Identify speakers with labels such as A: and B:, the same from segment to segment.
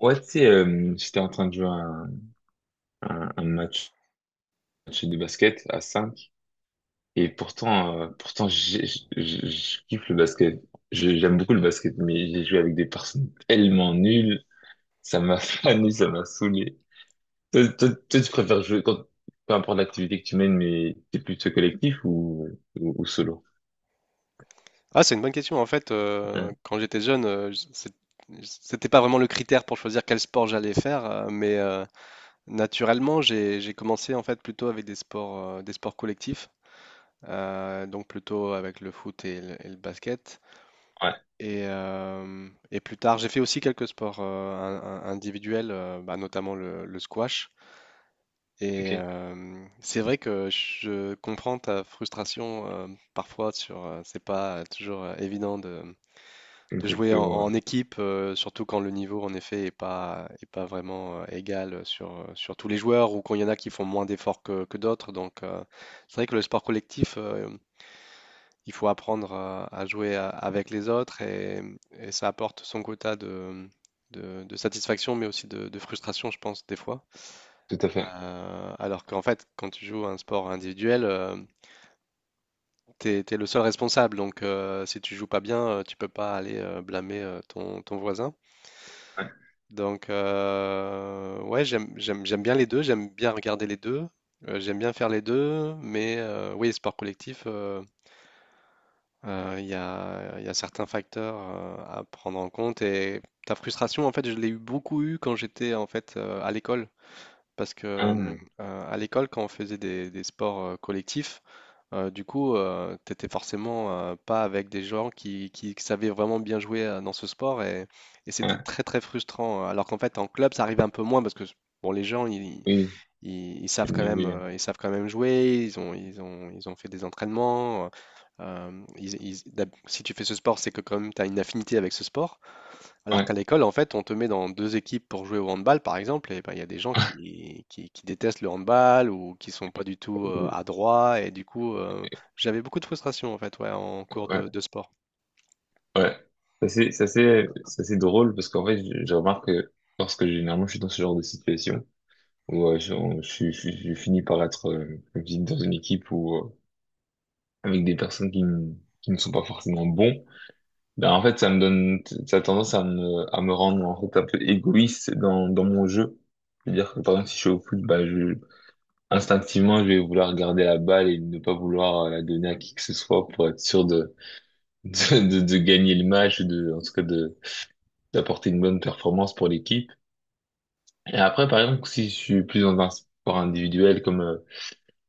A: Ouais, tu sais, j'étais en train de jouer à un match de basket à 5 et pourtant, pourtant je kiffe le basket. J'aime beaucoup le basket, mais j'ai joué avec des personnes tellement nulles, ça m'a fané, ça m'a saoulé. Toi, tu préfères jouer, quand, peu importe l'activité que tu mènes, mais t'es plutôt collectif ou solo?
B: Ah, c'est une bonne question. En fait, quand j'étais jeune, c'était pas vraiment le critère pour choisir quel sport j'allais faire, mais naturellement, j'ai commencé en fait plutôt avec des sports collectifs, donc plutôt avec le foot et le basket.
A: Ouais,
B: Et plus tard, j'ai fait aussi quelques sports individuels, notamment le squash.
A: ok,
B: C'est vrai que je comprends ta frustration parfois sur, c'est pas toujours évident de jouer en,
A: exactement, ouais.
B: en équipe, surtout quand le niveau en effet est pas, vraiment égal sur, sur tous les joueurs ou quand il y en a qui font moins d'efforts que d'autres. Donc, c'est vrai que le sport collectif, il faut apprendre à jouer avec les autres et ça apporte son quota de satisfaction mais aussi de frustration, je pense, des fois.
A: Tout à fait.
B: Alors qu'en fait, quand tu joues à un sport individuel, t'es le seul responsable. Donc, si tu joues pas bien, tu peux pas aller blâmer ton voisin.
A: Ouais,
B: Donc, ouais, j'aime bien les deux, j'aime bien regarder les deux, j'aime bien faire les deux, mais oui, sport collectif, il y a certains facteurs à prendre en compte et ta frustration, en fait, je l'ai eu beaucoup eu quand j'étais en fait à l'école, parce que
A: ah,
B: euh, à l'école, quand on faisait des, sports collectifs, du coup, t'étais forcément pas avec des gens qui savaient vraiment bien jouer dans ce sport et c'était
A: ouais,
B: très très frustrant. Alors qu'en fait, en club, ça arrive un peu moins parce que bon, les gens,
A: oui,
B: ils savent
A: le
B: quand
A: niveau,
B: même,
A: il y
B: ils savent quand même jouer. Ils ont fait des entraînements. Si tu fais ce sport, c'est que quand même t'as une affinité avec ce sport.
A: a-
B: Alors
A: ouais.
B: qu'à l'école, en fait, on te met dans 2 équipes pour jouer au handball, par exemple, et ben, il y a des gens qui détestent le handball ou qui sont pas du tout adroits. Et du coup, j'avais beaucoup de frustration, en fait, ouais, en cours de, sport.
A: Ouais, ça c'est drôle parce qu'en fait je remarque que lorsque généralement je suis dans ce genre de situation où je, on- je, suis- je finis par être comme je dis, dans une équipe où avec des personnes qui ne sont pas forcément bons, ben en fait ça a tendance à me rendre en fait un peu égoïste dans mon jeu. C'est-à-dire que par exemple si je suis au foot, bah je instinctivement je vais vouloir garder la balle et ne pas vouloir la donner à qui que ce soit pour être sûr de de gagner le match, ou de en tout cas de d'apporter une bonne performance pour l'équipe. Et après, par exemple, si je suis plus dans un sport individuel, comme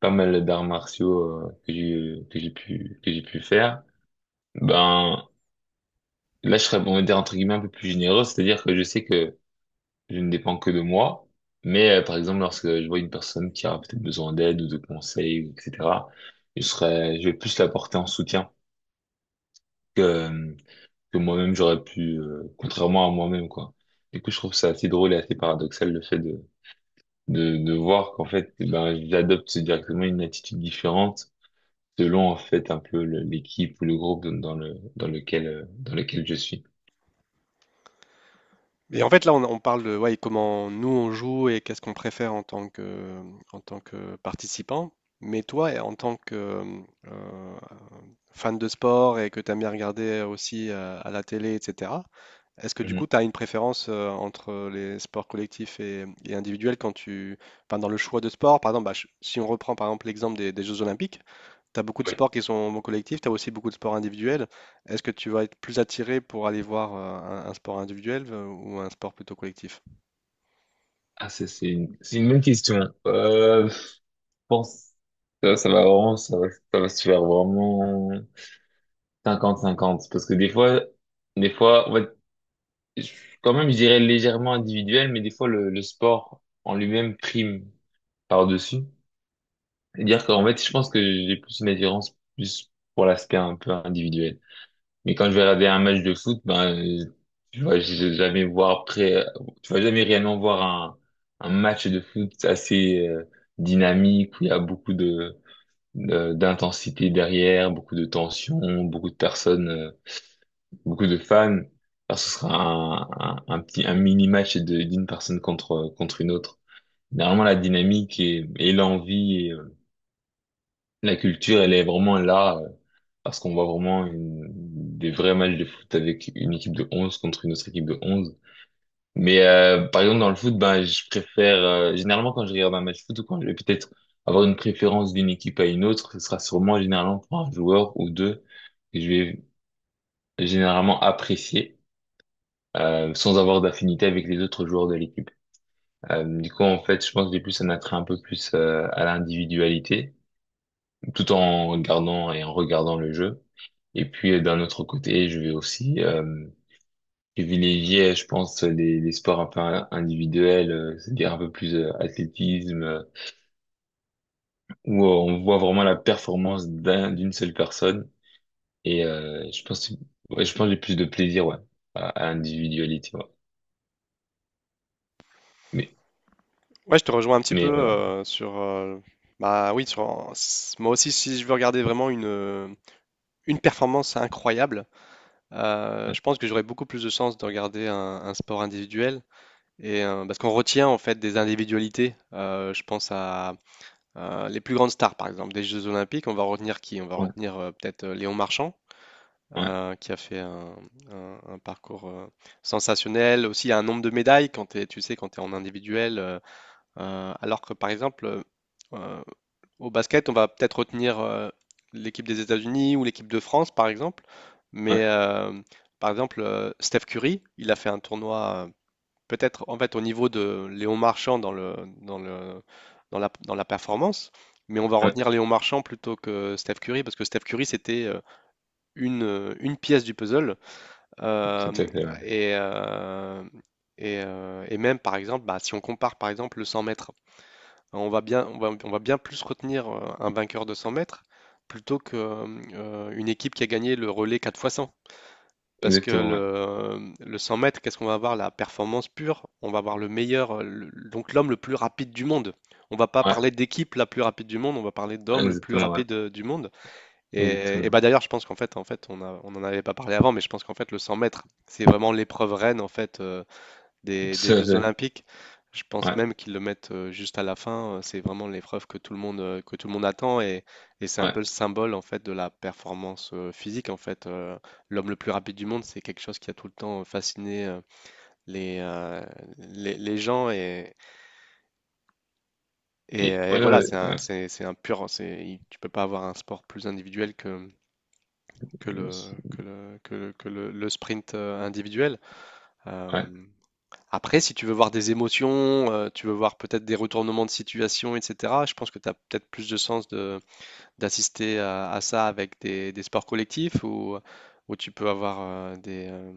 A: pas mal d'arts martiaux que j'ai pu faire, ben là, je serais, on va dire entre guillemets un peu plus généreux, c'est-à-dire que je sais que je ne dépends que de moi. Mais par exemple, lorsque je vois une personne qui a peut-être besoin d'aide ou de conseils, etc., je vais plus la porter en soutien que que moi-même j'aurais pu, contrairement à moi-même, quoi. Du coup, je trouve ça assez drôle et assez paradoxal le fait de voir qu'en fait, eh ben, j'adopte directement une attitude différente selon en fait un peu l'équipe ou le groupe dans le dans lequel dans lequel je suis.
B: Et en fait, là, on parle de ouais, comment nous on joue et qu'est-ce qu'on préfère en tant que en tant que participant. Mais toi, et en tant que euh, fan de sport et que tu aimes bien regarder aussi à la télé, etc., est-ce que du
A: Mhm.
B: coup, tu as une préférence entre les sports collectifs et individuels quand tu, enfin, dans le choix de sport? Par exemple, bah, si on reprend par exemple l'exemple des Jeux Olympiques, tu as beaucoup de
A: Ouais.
B: sports qui sont collectifs, tu as aussi beaucoup de sports individuels. Est-ce que tu vas être plus attiré pour aller voir un sport individuel ou un sport plutôt collectif?
A: Ah, ça, c'est c'est une bonne question. Je pense que ça va se faire vraiment cinquante cinquante parce que des fois en fait, je- quand même je dirais légèrement individuel mais des fois le sport en lui-même prime par-dessus. Dire qu'en fait, je pense que j'ai plus une attirance plus pour l'aspect un peu individuel. Mais quand je vais regarder un match de foot, ben, tu vois, je vais jamais voir près, tu vas jamais réellement voir un match de foot assez dynamique où il y a beaucoup d'intensité derrière, beaucoup de tension, beaucoup de personnes, beaucoup de fans. Alors, ce sera un mini match d'une personne contre une autre. Normalement, la dynamique et l'envie. La culture, elle est vraiment là, parce qu'on voit vraiment des vrais matchs de foot avec une équipe de 11 contre une autre équipe de 11. Mais par exemple, dans le foot, ben, je préfère, généralement quand je regarde un match de foot ou quand je vais peut-être avoir une préférence d'une équipe à une autre, ce sera sûrement généralement pour un joueur ou deux que je vais généralement apprécier, sans avoir d'affinité avec les autres joueurs de l'équipe. Du coup, en fait, je pense que j'ai plus un attrait un peu plus à l'individualité tout en regardant le jeu. Et puis d'un autre côté, je vais aussi privilégier, je pense, les sports un peu individuels, c'est-à-dire un peu plus athlétisme, où on voit vraiment la performance d'une seule personne. Et je pense, ouais, je pense que j'ai plus de plaisir, ouais, à l'individualité, ouais. Mais,
B: Ouais, je te rejoins un petit peu
A: mais
B: sur... bah oui, moi aussi, si je veux regarder vraiment une performance incroyable, je pense que j'aurais beaucoup plus de sens de regarder un sport individuel. Parce qu'on retient en fait des individualités. Je pense à les plus grandes stars, par exemple, des Jeux Olympiques. On va retenir qui? On va
A: ouais,
B: retenir peut-être Léon Marchand,
A: ouais,
B: qui a fait un parcours sensationnel. Aussi, il y a un nombre de médailles quand tu sais, quand tu es en individuel. Alors que, par exemple, euh, au basket, on va peut-être retenir l'équipe des États-Unis ou l'équipe de France, par exemple. Mais,
A: ouais,
B: euh, par exemple, Steph Curry, il a fait un tournoi, peut-être en fait au niveau de Léon Marchand dans le, dans la performance. Mais on va
A: ouais,
B: retenir Léon Marchand plutôt que Steph Curry, parce que Steph Curry, c'était une pièce du puzzle.
A: tout à
B: Hem,
A: fait, ouais.
B: et heu et même par exemple, bah, si on compare par exemple le 100 mètres, hein, on va bien plus retenir, un vainqueur de 100 mètres plutôt que, une équipe qui a gagné le relais 4 fois 100. Parce que
A: Exactement, ouais,
B: le 100 mètres, qu'est-ce qu'on va avoir? La performance pure, on va avoir le meilleur, le donc l'homme le plus rapide du monde. On va pas
A: ouais,
B: parler d'équipe la plus rapide du monde, on va parler d'homme le plus
A: ouais,
B: rapide, du monde.
A: exactement,
B: D'ailleurs, je pense qu'en fait, on en avait pas parlé avant, mais je pense qu'en fait, le 100 mètres, c'est vraiment l'épreuve reine en fait des,
A: tout à
B: Jeux
A: fait,
B: Olympiques. Je pense même
A: ouais,
B: qu'ils le mettent juste à la fin. C'est vraiment l'épreuve que tout le monde que tout le monde attend et c'est un
A: ouais.
B: peu le symbole en fait de la performance physique. En fait, l'homme le plus rapide du monde, c'est quelque chose qui a tout le temps fasciné les, euh, les gens et, et,
A: Et
B: euh, et
A: ouais,
B: voilà,
A: ouais,
B: c'est
A: ouais.
B: un pur. Tu peux pas avoir un sport plus individuel que le,
A: Je-
B: que le, que le, que le sprint individuel.
A: ouais,
B: Euh, après, si tu veux voir des émotions, tu veux voir peut-être des retournements de situation, etc., je pense que tu as peut-être plus de sens d'assister à, ça avec des, sports collectifs où, tu peux avoir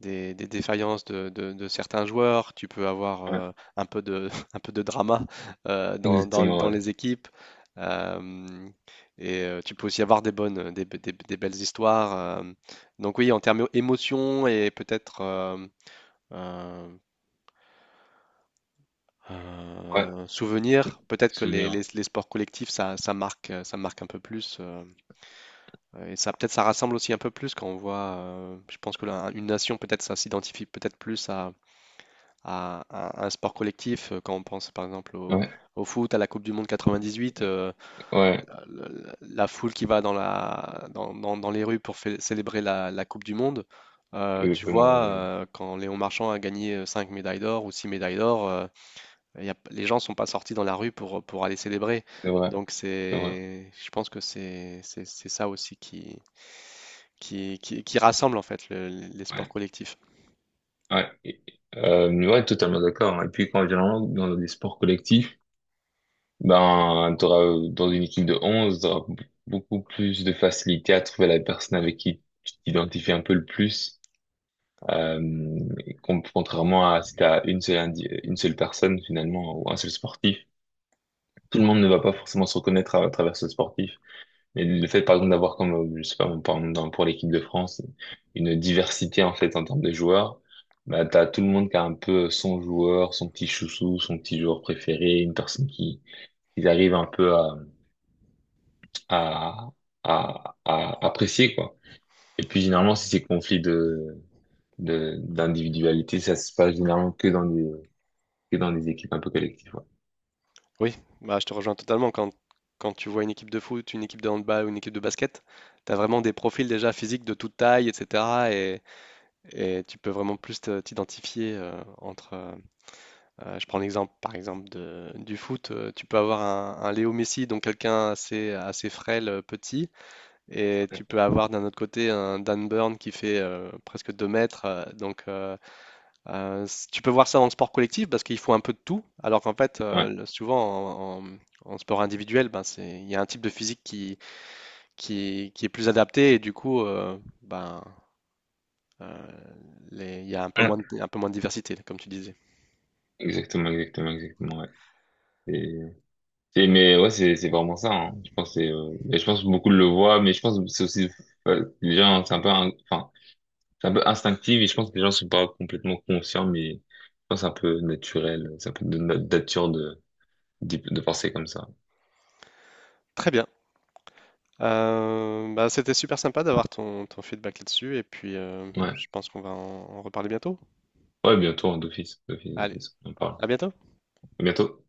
B: des défaillances de, de certains joueurs, tu peux avoir
A: ouais,
B: un peu de, un peu de drama dans, dans-
A: exactement,
B: dans
A: ouais.
B: les équipes. euh, et tu peux aussi avoir des bonnes, des, be- des belles histoires. Donc oui, en termes émotion et peut-être euh,
A: Ouais,
B: souvenir, peut-être que les, les-
A: souvenir.
B: les sports collectifs, ça marque un peu plus. Et ça peut-être ça rassemble aussi un peu plus quand on voit, je pense que là, une nation, peut-être ça s'identifie peut-être plus à, un sport collectif. Quand on pense par exemple au,
A: Ouais,
B: foot, à la Coupe du Monde 98,
A: ouais,
B: la, la- foule qui va dans, dans les rues pour célébrer la Coupe du Monde, tu
A: exactement. Ouais.
B: vois,
A: Ouais.
B: quand Léon Marchand a gagné 5 médailles d'or ou 6 médailles d'or, les gens sont pas sortis dans la rue pour aller célébrer.
A: C'est vrai,
B: Donc
A: c'est vrai.
B: c'est, je pense que c'est ça aussi qui, qui rassemble en fait les sports
A: Ouais,
B: collectifs.
A: ouais. Et- ouais, totalement d'accord, hein. Et puis quand généralement, dans des sports collectifs, ben, t'auras, dans une équipe de 11 t'auras beaucoup plus de facilité à trouver la personne avec qui tu t'identifies un peu le plus. Euh, et contrairement à si t'as une seule personne finalement, ou un seul sportif, tout le monde ne va pas forcément se reconnaître à travers ce sportif. Mais le fait, par exemple, d'avoir comme, je sais pas, par exemple, pour l'équipe de France, une diversité, en fait, en termes de joueurs, bah, t'as tout le monde qui a un peu son joueur, son petit chouchou, son petit joueur préféré, une personne qui arrive un peu à, à apprécier, quoi. Et puis, généralement, si c'est conflit d'individualité, ça se passe généralement que dans des équipes un peu collectives, ouais.
B: Oui, bah, je te rejoins totalement. Quand tu vois une équipe de foot, une équipe de handball ou une équipe de basket, tu as vraiment des profils déjà physiques de toute taille, etc. Et tu peux vraiment plus t'identifier entre. Je prends l'exemple, par exemple, du foot. Tu peux avoir un Léo Messi, donc quelqu'un assez frêle, petit. Et tu peux avoir d'un autre côté un Dan Burn qui fait presque 2 mètres. Tu peux voir ça dans le sport collectif parce qu'il faut un peu de tout, alors qu'en fait,
A: Ouais.
B: souvent en, en sport individuel, ben, il y a un type de physique qui, qui est plus adapté et du coup, ben, euh, il y a un peu
A: Ouais.
B: moins de, diversité, comme tu disais.
A: Exactement, ouais. Mais ouais, c'est vraiment ça, hein. Je pense que c'est, mais je pense que beaucoup le voient, mais je pense que c'est aussi les gens, c'est un peu, un- enfin, c'est un peu instinctif et je pense que les gens sont pas complètement conscients, mais je pense que c'est un peu naturel, c'est un peu de notre nature de penser comme ça.
B: Très bien. C'était super sympa d'avoir ton feedback là-dessus et puis
A: Ouais,
B: je pense qu'on va en reparler bientôt.
A: ouais, bientôt hein,
B: Allez,
A: d'office. On en parle.
B: à bientôt.
A: À bientôt.